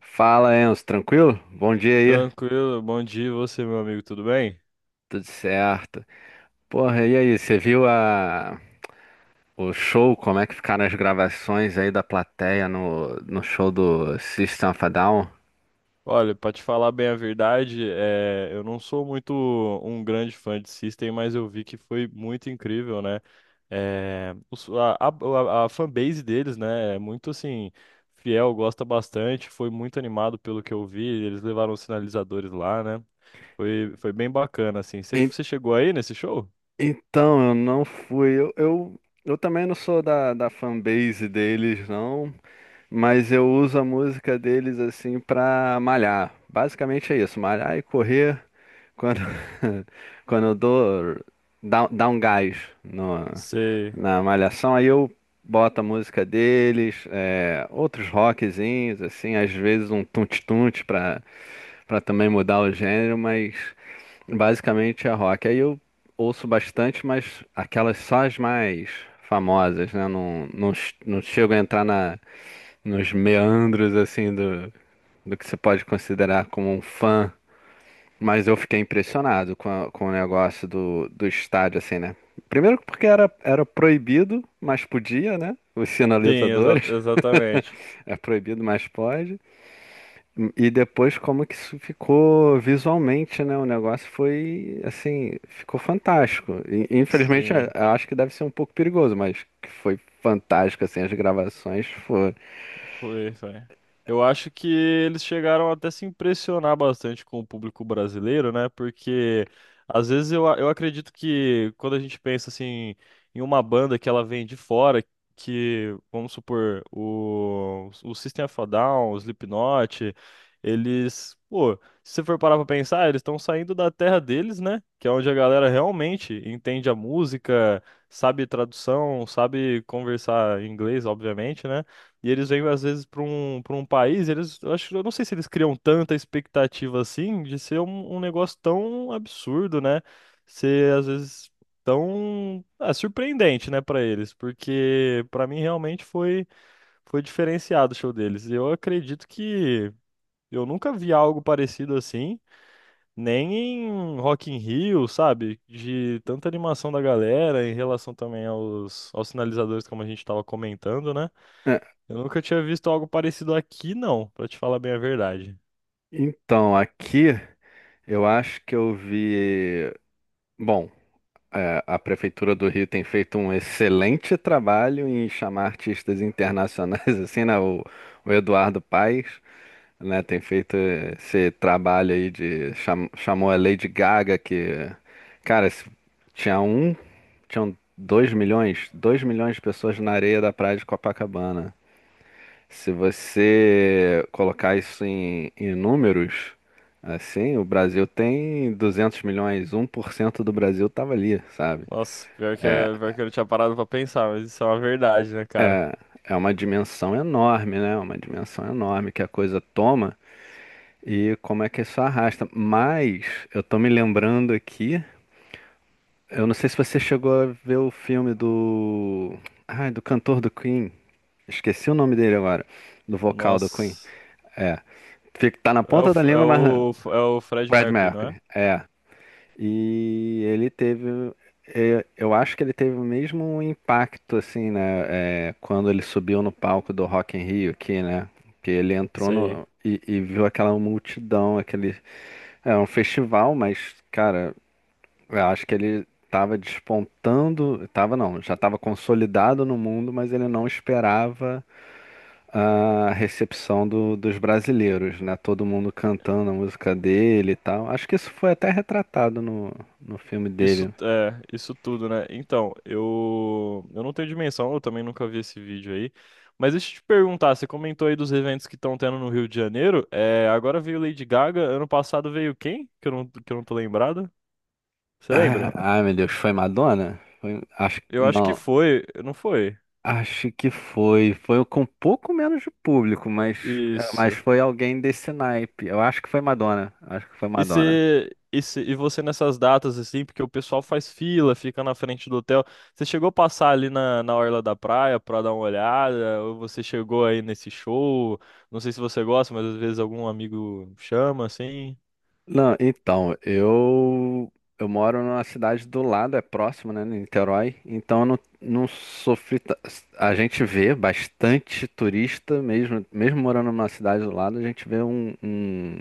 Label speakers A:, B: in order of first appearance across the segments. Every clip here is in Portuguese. A: Fala, Enzo, tranquilo? Bom dia aí.
B: Tranquilo, bom dia e você, meu amigo, tudo bem?
A: Tudo certo. Porra, e aí, o show, como é que ficaram as gravações aí da plateia no show do System of a Down?
B: Olha, pra te falar bem a verdade, eu não sou muito um grande fã de System, mas eu vi que foi muito incrível, né? É, os- a, a, a fanbase deles, né, é muito assim, fiel, gosta bastante, foi muito animado pelo que eu vi, eles levaram os sinalizadores lá, né? Foi bem bacana, assim. Você
A: En-
B: você chegou aí nesse show?
A: Então, eu não fui. Eu também não sou da fanbase deles, não, mas eu uso a música deles assim pra malhar. Basicamente é isso, malhar e correr. Quando, quando dá um gás no-
B: Sei.
A: na malhação, aí eu boto a música deles, outros rockzinhos, assim, às vezes um tunte-tunte pra também mudar o gênero, mas basicamente é rock. Aí eu ouço bastante, mas aquelas só as mais famosas, né? Não chego a entrar nos meandros, assim, do que você pode considerar como um fã, mas eu fiquei impressionado com o negócio do estádio, assim, né? Primeiro porque era proibido, mas podia, né? Os
B: Sim, exa-
A: sinalizadores.
B: exatamente.
A: É proibido, mas pode. E depois como que isso ficou visualmente, né? O negócio foi, assim, ficou fantástico. E, infelizmente, eu
B: Sim.
A: eu acho que deve ser um pouco perigoso, mas que foi fantástico, assim, as gravações foram.
B: Foi, foi. Eu acho que eles chegaram até se impressionar bastante com o público brasileiro, né? Porque às vezes eu acredito que quando a gente pensa assim em uma banda que ela vem de fora, que vamos supor o System of a Down, o Slipknot, eles, pô, se você for parar pra pensar, eles estão saindo da terra deles, né? Que é onde a galera realmente entende a música, sabe tradução, sabe conversar em inglês, obviamente, né? E eles vêm, às vezes, para um país, eles, eu acho, eu não sei se eles criam tanta expectativa assim de ser um, um negócio tão absurdo, né? Ser, às vezes, tão surpreendente, né, para eles, porque para mim realmente foi, foi diferenciado o show deles. Eu acredito que eu nunca vi algo parecido assim, nem em Rock in Rio, sabe? De tanta animação da galera em relação também aos sinalizadores, como a gente estava comentando, né?
A: É.
B: Eu nunca tinha visto algo parecido aqui, não, pra te falar bem a verdade.
A: Então, aqui eu acho que eu vi. Bom. É, a Prefeitura do Rio tem feito um excelente trabalho em chamar artistas internacionais, assim, né? O Eduardo Paes, né, tem feito esse trabalho aí de... chamou a Lady Gaga, que... Cara, se- tinha um... Tinham dois milhões de pessoas na areia da praia de Copacabana. Se você colocar isso em números, assim, o Brasil tem 200 milhões, um por cento do Brasil tava ali, sabe?
B: Nossa, pior que, pior que eu não tinha parado pra pensar, mas isso é uma verdade, né, cara?
A: É uma dimensão enorme, né? Uma dimensão enorme que a coisa toma e como é que isso arrasta. Mas eu tô me lembrando aqui, eu não sei se você chegou a ver o filme do. Ai, do cantor do Queen. Esqueci o nome dele agora. Do vocal do Queen.
B: Nossa.
A: É. Tá na
B: É o,
A: ponta da
B: F- é
A: língua, mas.
B: o, F- é o Fred
A: Fred
B: Mercury, não
A: Mercury.
B: é?
A: É. E ele teve, é, eu acho que ele teve o mesmo impacto, assim, né? É, quando ele subiu no palco do Rock in Rio aqui, né? Que ele entrou
B: Sei.
A: no, e viu aquela multidão, aquele. É um festival, mas, cara, eu acho que ele tava despontando. Tava não, já tava consolidado no mundo, mas ele não esperava a recepção dos brasileiros, né? Todo mundo cantando a música dele e tal. Acho que isso foi até retratado no, no filme
B: Isso,
A: dele.
B: é, isso tudo, né? Então, eu não tenho dimensão, eu também nunca vi esse vídeo aí. Mas deixa eu te perguntar, você comentou aí dos eventos que estão tendo no Rio de Janeiro. Agora veio Lady Gaga, ano passado veio quem? Que eu não tô lembrado. Você
A: Ah,
B: lembra?
A: ai, meu Deus, foi Madonna? Foi, acho,
B: Eu acho que
A: não,
B: foi, não foi?
A: acho que foi. Foi com um pouco menos de público, mas, ah, mas
B: Isso.
A: foi alguém desse naipe. Eu acho que foi Madonna. Acho que foi
B: E
A: Madonna.
B: se, e você nessas datas, assim, porque o pessoal faz fila, fica na frente do hotel. Você chegou a passar ali na orla da praia pra dar uma olhada? Ou você chegou aí nesse show? Não sei se você gosta, mas às vezes algum amigo chama, assim.
A: Não, então, eu moro numa cidade do lado, é próximo, né, Niterói, então eu não, não sofri. A gente vê bastante turista, mesmo, mesmo morando numa cidade do lado, a gente vê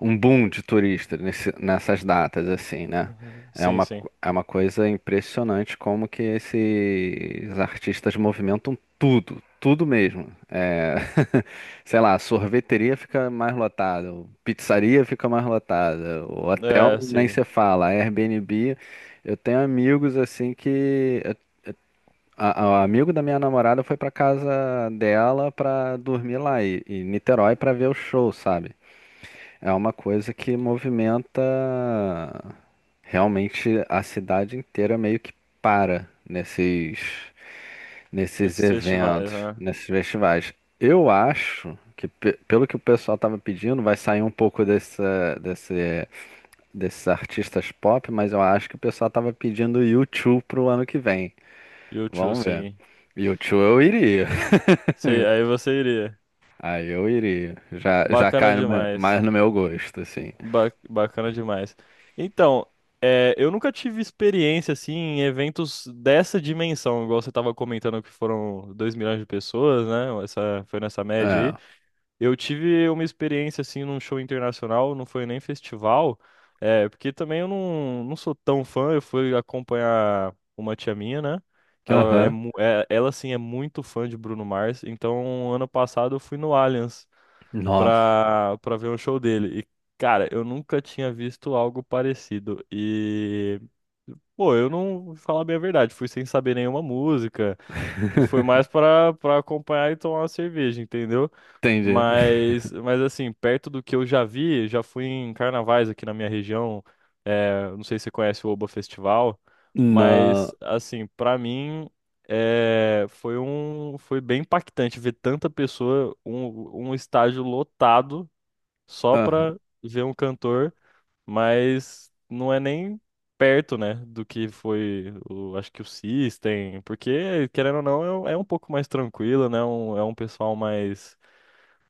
A: um boom de turistas nessas datas, assim, né?
B: Uhum.
A: É
B: Sim,
A: uma,
B: sim.
A: é uma coisa impressionante como que esses artistas movimentam tudo, tudo mesmo. É. Sei lá, sorveteria fica mais lotada, pizzaria fica mais lotada, o hotel
B: É,
A: nem
B: sim.
A: se fala, Airbnb. Eu tenho amigos assim que. Amigo da minha namorada foi pra casa dela pra dormir lá, em Niterói pra ver o show, sabe? É uma coisa que movimenta realmente a cidade inteira meio que para nesses
B: Esses festivais,
A: eventos,
B: né?
A: nesses festivais. Eu acho que, pelo que o pessoal estava pedindo, vai sair um pouco desses artistas pop, mas eu acho que o pessoal estava pedindo U2 pro ano que vem.
B: YouTube,
A: Vamos ver.
B: sim.
A: U2 eu iria.
B: Sei, aí você iria.
A: Aí eu iria. Já
B: Bacana
A: cai
B: demais.
A: mais no meu gosto, assim.
B: Bacana demais. Então, eu nunca tive experiência assim em eventos dessa dimensão, igual você estava comentando que foram 2 milhões de pessoas, né? Essa, foi nessa média aí.
A: É.
B: Eu tive uma experiência assim num show internacional, não foi nem festival, porque também eu não sou tão fã, eu fui acompanhar uma tia minha, né? Que ela é,
A: Aham.
B: mu- é- ela sim é muito fã de Bruno Mars, então ano passado eu fui no Allianz,
A: Nossa.
B: pra ver um show dele. E, cara, eu nunca tinha visto algo parecido. E, pô, eu não, vou falar bem a verdade, fui sem saber nenhuma música. Eu fui mais pra acompanhar e tomar uma cerveja, entendeu?
A: Entendi.
B: Mas assim, perto do que eu já vi, já fui em carnavais aqui na minha região. Não sei se você conhece o Oba Festival,
A: Não.
B: mas, assim, pra mim. É, foi um, foi bem impactante ver tanta pessoa, um estádio lotado só
A: Aham.
B: pra ver um cantor, mas não é nem perto, né, do que foi, acho que o System, porque, querendo ou não, um é um pouco mais tranquilo, né, é um pessoal mais,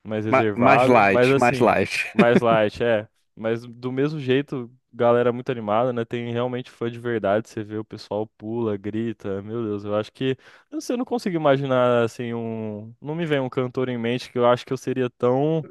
B: mais
A: Mais
B: reservado, mas
A: light, mais
B: assim,
A: light.
B: mais light, é. Mas do mesmo jeito, galera muito animada, né, tem realmente fã de verdade, você vê o pessoal pula, grita, meu Deus, eu acho que, eu não sei, eu não consigo imaginar, assim, um, não me vem um cantor em mente que eu acho que eu seria tão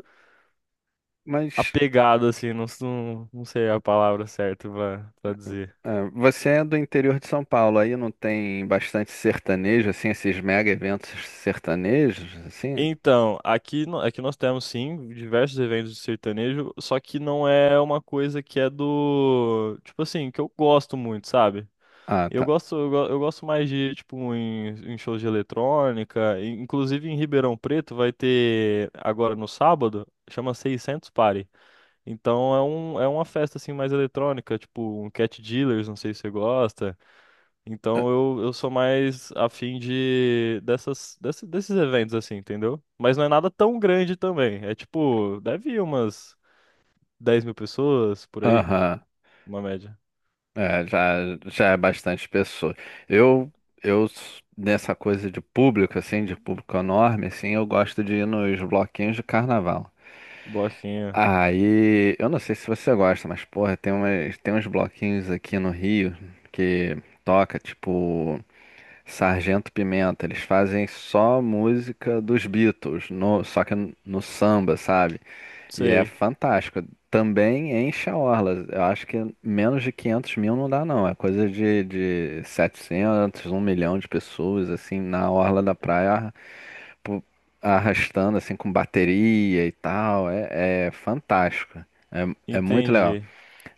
A: Mas
B: apegado, assim, não, não, não sei a palavra certa pra dizer.
A: é, você é do interior de São Paulo, aí não tem bastante sertanejo, assim, esses mega eventos sertanejos, assim?
B: Então, aqui, aqui nós temos sim diversos eventos de sertanejo, só que não é uma coisa que é do, tipo assim, que eu gosto muito, sabe?
A: Ah,
B: Eu
A: tá.
B: gosto, eu gosto mais de, tipo, em shows de eletrônica, e, inclusive em Ribeirão Preto vai ter agora no sábado, chama 600 Party. Então é um, é uma festa assim mais eletrônica, tipo um Cat Dealers, não sei se você gosta.
A: Ah,
B: Então eu sou mais afim de desses eventos, assim, entendeu? Mas não é nada tão grande também. É tipo, deve ir umas 10 mil pessoas por aí,
A: aham.
B: uma média.
A: É, já é bastante pessoa. Eu, nessa coisa de público, assim, de público enorme, assim, eu gosto de ir nos bloquinhos de carnaval.
B: Bloquinho.
A: Aí, eu não sei se você gosta, mas, porra, tem uns bloquinhos aqui no Rio que toca, tipo. Sargento Pimenta, eles fazem só música dos Beatles, só que no samba, sabe? E é
B: Sei.
A: fantástico. Também enche a orla. Eu acho que menos de 500 mil não dá, não. É coisa de 700, um milhão de pessoas, assim, na orla da praia, pu- arrastando, assim, com bateria e tal. É, é fantástico. É, é muito legal.
B: Entendi.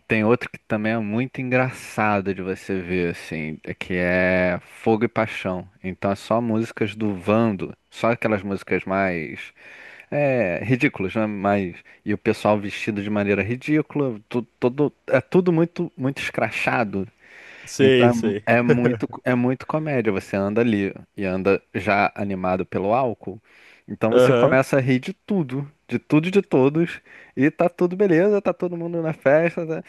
A: Tem outro que também é muito engraçado de você ver, assim, é que é Fogo e Paixão. Então é só músicas do Vando, só aquelas músicas mais é, ridículas, né? Mas, e o pessoal vestido de maneira ridícula, todo, é tudo muito escrachado.
B: Sei,
A: Então
B: sei.
A: é muito comédia. Você anda ali e anda já animado pelo álcool. Então você
B: Aham.
A: começa a rir de tudo e de todos, e tá tudo beleza, tá todo mundo na festa, tá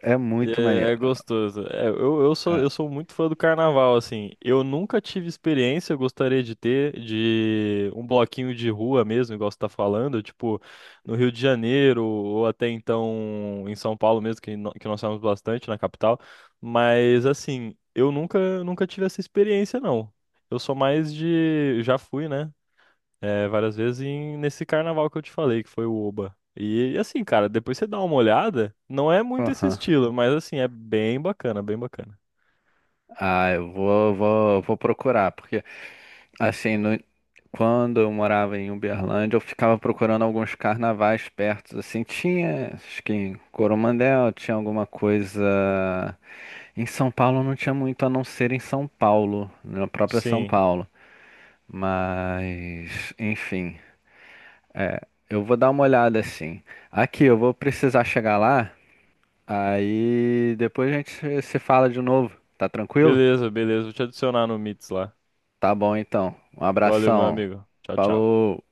A: é
B: E
A: muito maneiro.
B: é gostoso. É, eu, eu sou,
A: Ah,
B: eu sou muito fã do carnaval, assim. Eu nunca tive experiência, eu gostaria de ter, de um bloquinho de rua mesmo, igual você tá falando, tipo, no Rio de Janeiro, ou até então em São Paulo mesmo, que, que nós temos bastante na capital. Mas, assim, eu nunca tive essa experiência, não. Eu sou mais de. Já fui, né? Várias vezes nesse carnaval que eu te falei, que foi o Oba. E assim, cara, depois você dá uma olhada, não é muito esse
A: aham.
B: estilo, mas assim, é bem bacana, bem bacana.
A: Ah, vou procurar, porque assim, quando eu morava em Uberlândia, eu ficava procurando alguns carnavais perto, assim, tinha, acho que em Coromandel tinha alguma coisa. Em São Paulo não tinha muito, a não ser em São Paulo, na própria São
B: Sim.
A: Paulo. Mas, enfim, é, eu vou dar uma olhada assim. Aqui, eu vou precisar chegar lá, aí depois a gente se fala de novo, tá tranquilo?
B: Beleza, beleza. Vou te adicionar no Mits lá.
A: Tá bom então. Um
B: Valeu, meu
A: abração.
B: amigo. Tchau, tchau.
A: Falou.